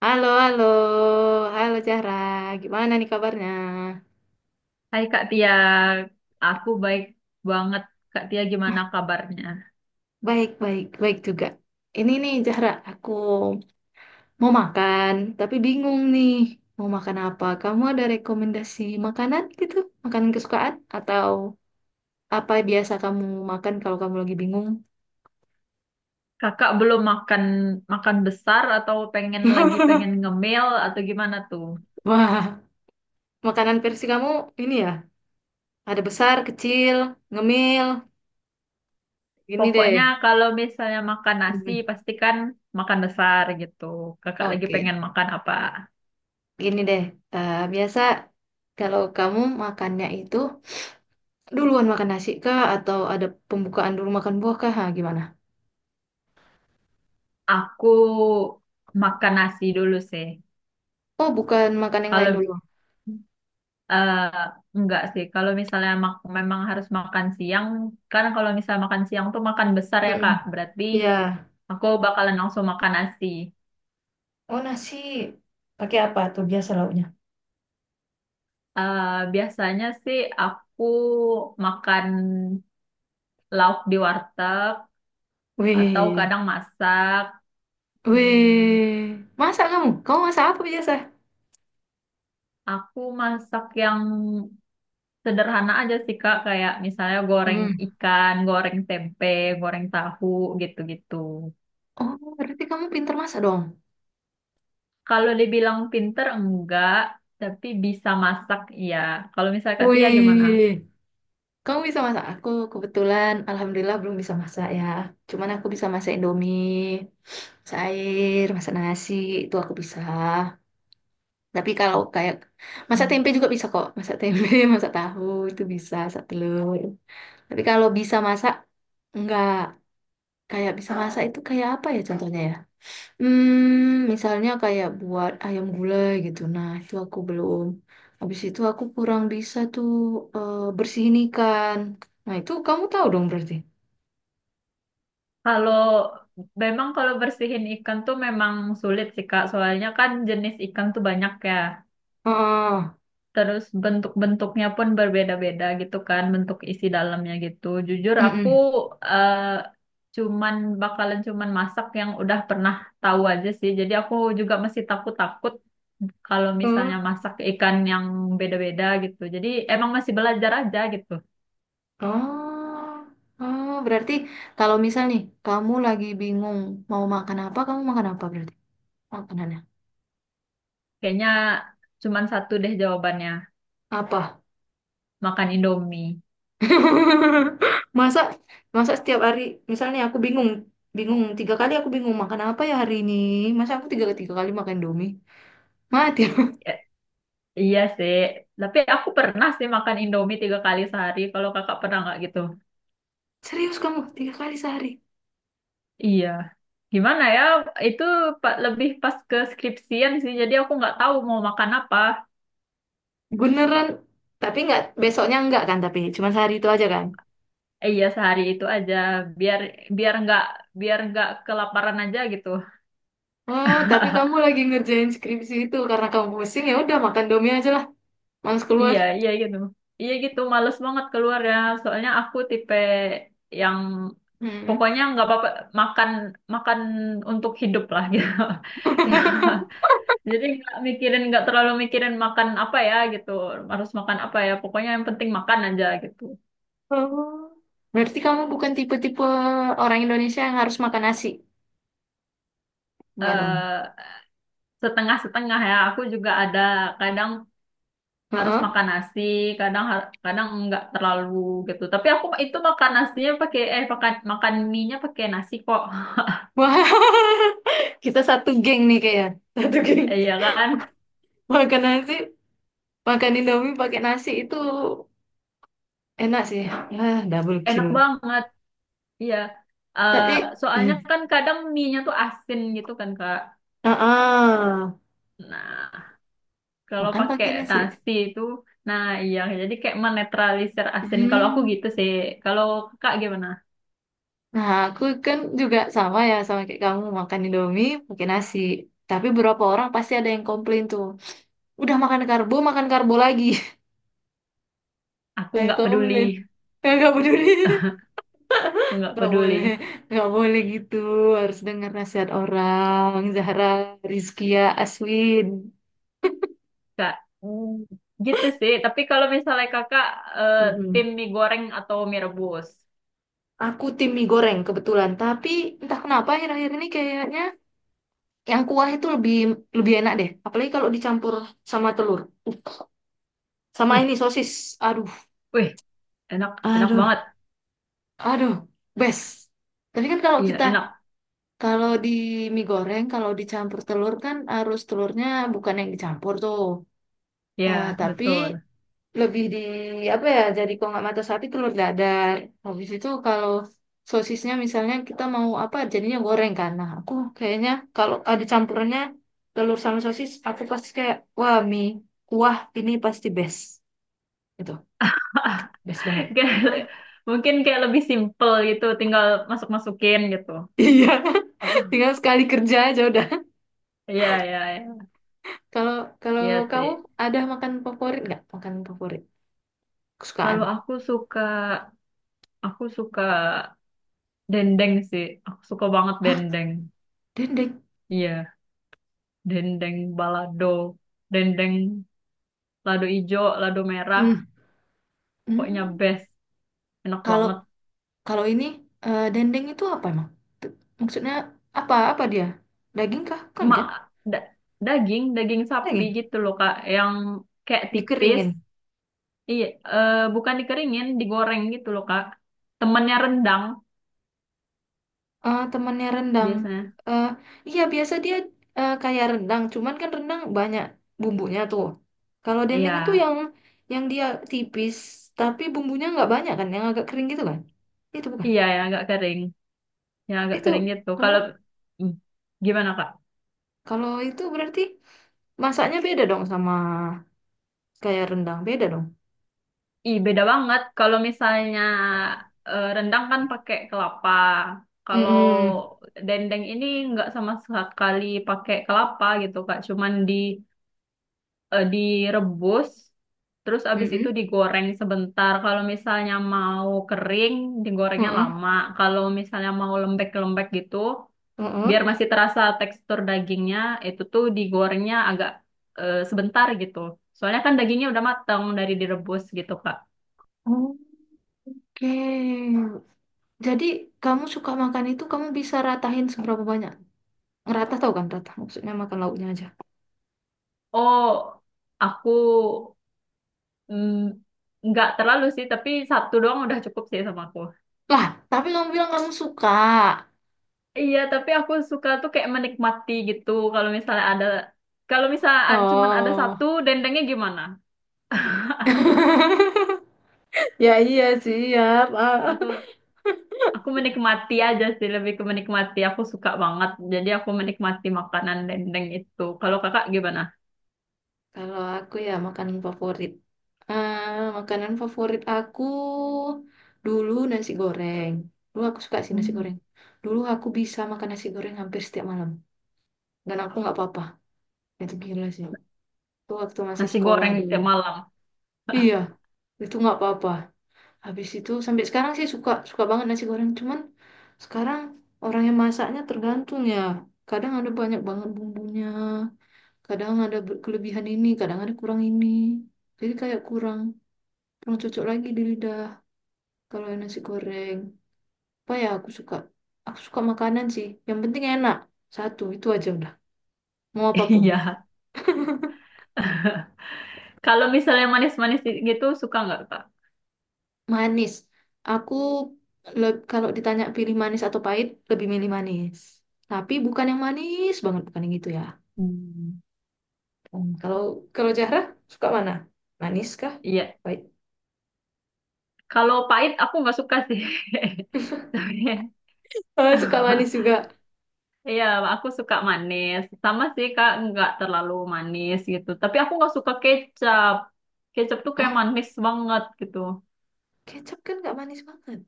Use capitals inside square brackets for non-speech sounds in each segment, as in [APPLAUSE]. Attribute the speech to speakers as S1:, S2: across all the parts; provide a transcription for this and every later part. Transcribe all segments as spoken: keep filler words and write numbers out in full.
S1: Halo, halo, halo Zahra. Gimana nih kabarnya?
S2: Hai Kak Tia, aku baik banget. Kak Tia gimana kabarnya?
S1: Baik, baik, baik juga. Ini nih Zahra, aku mau makan, tapi bingung nih mau makan apa. Kamu ada rekomendasi makanan gitu? Makanan kesukaan? Atau apa biasa kamu makan kalau kamu lagi bingung?
S2: Kakak belum makan makan besar atau pengen lagi
S1: [LAUGHS]
S2: pengen ngemil atau gimana tuh?
S1: Wah, makanan versi kamu ini ya? Ada besar, kecil, ngemil, gini
S2: Pokoknya
S1: deh.
S2: kalau misalnya makan nasi
S1: Hmm.
S2: pastikan makan besar gitu. Kakak lagi
S1: Oke,
S2: pengen makan apa?
S1: gini deh. Eh, biasa kalau kamu makannya itu duluan makan nasi kah atau ada pembukaan dulu makan buah kah? Ha, gimana?
S2: Aku makan nasi dulu sih.
S1: Oh, bukan makan yang lain
S2: Kalau
S1: dulu.
S2: eh, enggak sih, kalau misalnya mak- memang harus makan siang, kan kalau misalnya makan siang tuh makan besar ya Kak.
S1: Mm-mm.
S2: Berarti
S1: Ya.
S2: aku bakalan langsung makan nasi.
S1: Oh, nasi pakai apa tuh biasa lauknya?
S2: Eh, Biasanya sih aku makan lauk di warteg atau
S1: Wih.
S2: kadang masak.
S1: Wih.
S2: Hmm,
S1: Masak kamu? Kamu masak apa biasa?
S2: aku masak yang sederhana aja sih Kak, kayak misalnya goreng
S1: Hmm.
S2: ikan, goreng tempe, goreng tahu gitu-gitu.
S1: Oh, berarti kamu pintar masak dong.
S2: Kalau dibilang pinter enggak, tapi bisa masak iya. Kalau misalnya Kak Tia gimana?
S1: Wih. Kamu bisa masak? Aku kebetulan alhamdulillah belum bisa masak ya. Cuman aku bisa masak Indomie, masak air, masak nasi, itu aku bisa. Tapi kalau kayak masak tempe juga bisa kok, masak tempe, [LAUGHS] masak tahu itu bisa, masak telur. Tapi kalau bisa masak enggak kayak bisa masak itu kayak apa ya contohnya ya? Hmm, misalnya kayak buat ayam gulai gitu. Nah, itu aku belum. Habis itu aku kurang bisa tuh, eh, bersihin ikan. Nah, itu kamu tahu dong berarti.
S2: Kalau memang kalau bersihin ikan tuh memang sulit sih Kak, soalnya kan jenis ikan tuh banyak ya.
S1: Oh,
S2: Terus bentuk-bentuknya pun berbeda-beda gitu kan, bentuk isi dalamnya gitu. Jujur aku
S1: mm-mm.
S2: eh, cuman bakalan cuman masak yang udah pernah tahu aja sih. Jadi aku juga masih takut-takut kalau misalnya
S1: Hmm.
S2: masak ikan yang beda-beda gitu. Jadi emang masih belajar aja gitu.
S1: Oh, oh, berarti kalau misal nih kamu lagi bingung mau makan apa, kamu makan apa berarti? Makanannya
S2: Kayaknya cuman satu deh jawabannya,
S1: apa?
S2: makan Indomie.
S1: [LAUGHS] Masa, masa setiap hari misalnya aku bingung, bingung tiga kali aku bingung makan apa ya hari ini, masa aku tiga tiga kali makan Indomie, mati aku.
S2: Iya sih, tapi aku pernah sih makan Indomie tiga kali sehari. Kalau kakak pernah nggak gitu?
S1: [LAUGHS] Serius kamu tiga kali sehari
S2: Iya. Gimana ya? Itu pa- lebih pas ke skripsian sih. Jadi aku nggak tahu mau makan apa.
S1: beneran? Tapi nggak besoknya, nggak kan? Tapi cuma sehari itu aja kan?
S2: Eh, iya sehari itu aja. Biar biar nggak biar nggak kelaparan aja gitu.
S1: Oh tapi kamu
S2: [LAUGHS]
S1: lagi ngerjain skripsi itu karena kamu pusing ya udah makan Indomie aja lah, males keluar.
S2: Iya iya gitu. Iya gitu. Males banget keluar ya. Soalnya aku tipe yang
S1: Mm.
S2: pokoknya nggak apa-apa makan makan untuk hidup lah gitu. [LAUGHS] Ya.
S1: [LAUGHS]
S2: Jadi nggak mikirin, nggak terlalu mikirin makan apa ya gitu, harus makan apa ya, pokoknya yang penting makan aja gitu.
S1: Oh. Berarti kamu bukan tipe-tipe orang Indonesia yang harus makan nasi. Enggak dong.
S2: Eh, setengah-setengah ya, aku juga ada kadang harus
S1: Heeh.
S2: makan nasi, kadang har- kadang nggak terlalu gitu. Tapi aku itu makan nasinya pakai eh makan makan mie-nya pakai nasi kok, [LAUGHS]
S1: Wah, [LAUGHS] kita satu geng nih kayaknya. Satu geng.
S2: iya kan,
S1: Makan nasi, makan Indomie pakai nasi itu enak sih. Ya, double kill.
S2: enak banget, iya. eh
S1: Tapi,
S2: Soalnya
S1: hmm.
S2: kan kadang mie-nya tuh asin gitu kan Kak.
S1: Ah, ah,
S2: Nah. Kalau
S1: makan
S2: pakai
S1: pakai nasi.
S2: nasi itu, nah iya, jadi kayak menetralisir asin. Kalau aku
S1: Hmm.
S2: gitu sih. Kalau kakak gimana?
S1: Nah, aku kan juga sama ya sama kayak kamu makan Indomie pakai nasi. Tapi beberapa orang pasti ada yang komplain tuh. Udah makan karbo, makan karbo lagi. [LAUGHS]
S2: Aku
S1: Kayak
S2: nggak peduli,
S1: komplain. Kayak gak peduli.
S2: aku nggak
S1: Nggak
S2: peduli.
S1: boleh, nggak boleh gitu. Harus dengar nasihat orang. Zahra, Rizkia, Aswin.
S2: Kak, hmm, gitu sih. Tapi kalau misalnya kakak eh, tim
S1: Mm-mm.
S2: mie goreng atau mie rebus,
S1: Aku tim mie goreng kebetulan. Tapi entah kenapa akhir-akhir ini kayaknya yang kuah itu lebih lebih enak deh. Apalagi kalau dicampur sama telur. Uh, Sama
S2: wih,
S1: ini sosis. Aduh,
S2: wih, enak, enak
S1: aduh,
S2: banget.
S1: aduh, best. Tapi kan kalau
S2: Iya,
S1: kita
S2: enak.
S1: kalau di mie goreng kalau dicampur telur kan harus telurnya bukan yang dicampur tuh. Eh,
S2: Iya,
S1: tapi
S2: betul.
S1: lebih di apa ya, jadi kalau nggak mata sapi, telur dadar. Habis itu kalau sosisnya misalnya kita mau apa jadinya goreng kan, nah aku kayaknya kalau ada campurannya telur sama sosis aku pasti kayak wah, mie kuah ini pasti best, itu
S2: [LAUGHS]
S1: best banget. Ah,
S2: Kayak- mungkin kayak lebih simple gitu, tinggal masuk-masukin gitu.
S1: iya. [LAUGHS]
S2: Apa?
S1: Tinggal sekali kerja aja udah.
S2: Iya, iya, iya.
S1: Kalau kalau
S2: Iya
S1: kamu
S2: sih.
S1: ada makan favorit nggak, makan favorit kesukaan?
S2: Kalau aku suka Aku suka dendeng sih. Aku suka banget
S1: Hah,
S2: dendeng.
S1: dendeng?
S2: Iya, dendeng balado, dendeng lado ijo, lado merah,
S1: Hmm.
S2: pokoknya
S1: Hmm,
S2: best. Enak
S1: kalau
S2: banget.
S1: Kalau ini, eh, dendeng itu apa emang? T- maksudnya apa, apa dia? Daging kah? Kan,
S2: Ma,
S1: kan?
S2: da- Daging, daging sapi
S1: Daging.
S2: gitu loh, Kak, yang kayak tipis.
S1: Dikeringin.
S2: Iya, eh, bukan dikeringin, digoreng gitu loh, Kak. Temennya rendang
S1: Eh, temannya rendang.
S2: biasanya.
S1: Eh, iya biasa dia, eh, kayak rendang, cuman kan rendang banyak bumbunya tuh. Kalau
S2: Iya,
S1: dendeng itu yang yang dia tipis tapi bumbunya nggak banyak kan, yang agak kering gitu kan? Itu bukan.
S2: iya yang agak kering, yang agak
S1: Itu
S2: kering gitu.
S1: oh,
S2: Kalau hmm, gimana, Kak?
S1: kalau itu berarti masaknya beda dong sama kayak rendang, beda dong.
S2: Ih, beda banget. Kalau misalnya eh, rendang kan pakai kelapa. Kalau
S1: Mm-mm.
S2: dendeng ini nggak sama sekali pakai kelapa gitu, Kak. Cuman di eh, direbus, terus abis itu
S1: Mm-mm.
S2: digoreng sebentar. Kalau misalnya mau kering, digorengnya
S1: Mm-mm.
S2: lama. Kalau misalnya mau lembek-lembek gitu, biar
S1: Mm-mm.
S2: masih terasa tekstur dagingnya, itu tuh digorengnya agak eh, sebentar gitu. Soalnya kan dagingnya udah matang dari direbus gitu, Kak.
S1: Oh. Oke, jadi kamu suka makan itu, kamu bisa ratahin seberapa banyak? Ngeratah tau kan rata, maksudnya makan lauknya aja.
S2: Oh, aku mm, nggak terlalu sih, tapi satu doang udah cukup sih sama aku.
S1: Lah, tapi kamu bilang kamu suka.
S2: Iya, tapi aku suka tuh kayak menikmati gitu. Kalau misalnya ada, kalau misalnya ada, cuman ada
S1: Oh,
S2: satu, dendengnya gimana?
S1: [LAUGHS] ya iya sih ya.
S2: Ya,
S1: Pak.
S2: Aku, aku menikmati aja sih, lebih ke menikmati. Aku suka banget, jadi aku menikmati makanan dendeng itu. Kalau kakak gimana?
S1: Kalau aku ya makanan favorit. Eh, Makanan favorit aku dulu nasi goreng. Dulu aku suka sih nasi
S2: Hmm.
S1: goreng. Dulu aku bisa makan nasi goreng hampir setiap malam. Dan aku nggak apa-apa. Itu gila sih. Itu waktu masih
S2: Nasi
S1: sekolah
S2: goreng
S1: dulu.
S2: tiap malam. [LAUGHS]
S1: Iya, itu nggak apa-apa. Habis itu sampai sekarang sih suka, suka banget nasi goreng, cuman sekarang orang yang masaknya tergantung ya, kadang ada banyak banget bumbunya, kadang ada ber- kelebihan ini, kadang ada kurang ini, jadi kayak kurang, kurang cocok lagi di lidah kalau yang nasi goreng. Apa ya, aku suka, aku suka makanan sih yang penting enak, satu itu aja udah, mau apapun.
S2: Iya. [LAUGHS] Kalau misalnya manis-manis gitu, suka nggak kak?
S1: Manis. Aku le- kalau ditanya pilih manis atau pahit, lebih milih manis. Tapi bukan yang manis banget, bukan yang gitu ya.
S2: Hmm.
S1: Hmm, Kalau kalau Zahra suka mana? Manis kah?
S2: Iya,
S1: Pahit.
S2: kalau pahit aku nggak suka sih.
S1: [LAUGHS]
S2: [LAUGHS] Tapi [LAUGHS]
S1: Oh, suka manis juga.
S2: iya, aku suka manis. Sama sih Kak, nggak terlalu manis gitu. Tapi aku nggak suka kecap. Kecap tuh kayak
S1: Hah?
S2: manis banget gitu.
S1: Kecap kan nggak manis banget.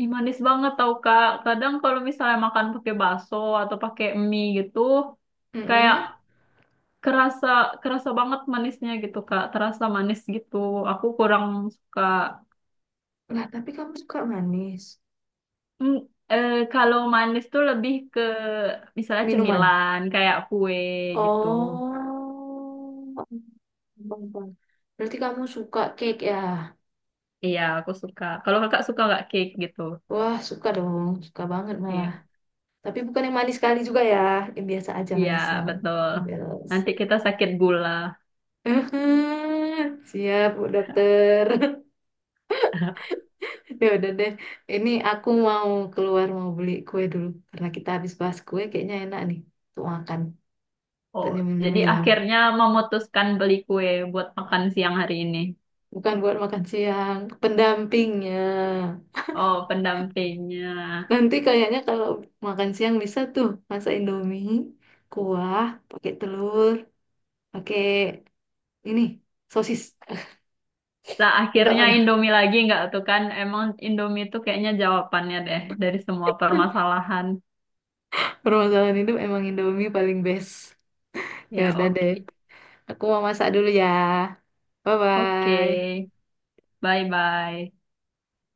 S2: Ih, manis banget tau Kak. Kadang kalau misalnya makan pakai bakso atau pakai mie gitu, kayak
S1: Mm-mm.
S2: kerasa kerasa banget manisnya gitu Kak. Terasa manis gitu. Aku kurang suka.
S1: Lah, tapi kamu suka manis.
S2: Hmm, eh, kalau manis tuh lebih ke misalnya
S1: Minuman.
S2: cemilan kayak kue gitu.
S1: Oh. Bang, bang. Berarti kamu suka cake ya?
S2: Iya, aku suka. Kalau kakak suka nggak cake gitu?
S1: Wah, suka dong. Suka banget malah.
S2: Iya,
S1: Tapi bukan yang manis sekali juga ya, yang biasa aja
S2: iya
S1: manisnya.
S2: betul.
S1: Beres.
S2: Nanti kita sakit gula.
S1: [LAUGHS] Siap, Bu Dokter. [LAUGHS]
S2: [LAUGHS]
S1: Ya udah deh. Ini aku mau keluar mau beli kue dulu karena kita habis bahas kue kayaknya enak nih untuk makan, untuk
S2: Oh, jadi
S1: nyemil-nyemil.
S2: akhirnya memutuskan beli kue buat makan siang hari ini.
S1: Bukan buat makan siang, pendampingnya.
S2: Oh, pendampingnya.
S1: Nanti kayaknya kalau makan siang bisa tuh masak Indomie, kuah, pakai telur, pakai ini sosis.
S2: Nah,
S1: [LAUGHS] Entah
S2: akhirnya
S1: mana.
S2: Indomie lagi nggak tuh kan? Emang Indomie tuh kayaknya jawabannya deh dari semua permasalahan.
S1: Permasalahan hidup emang Indomie paling best. Ya
S2: Ya,
S1: udah deh.
S2: oke.
S1: Aku mau masak dulu ya. Bye
S2: Oke,
S1: bye.
S2: bye-bye.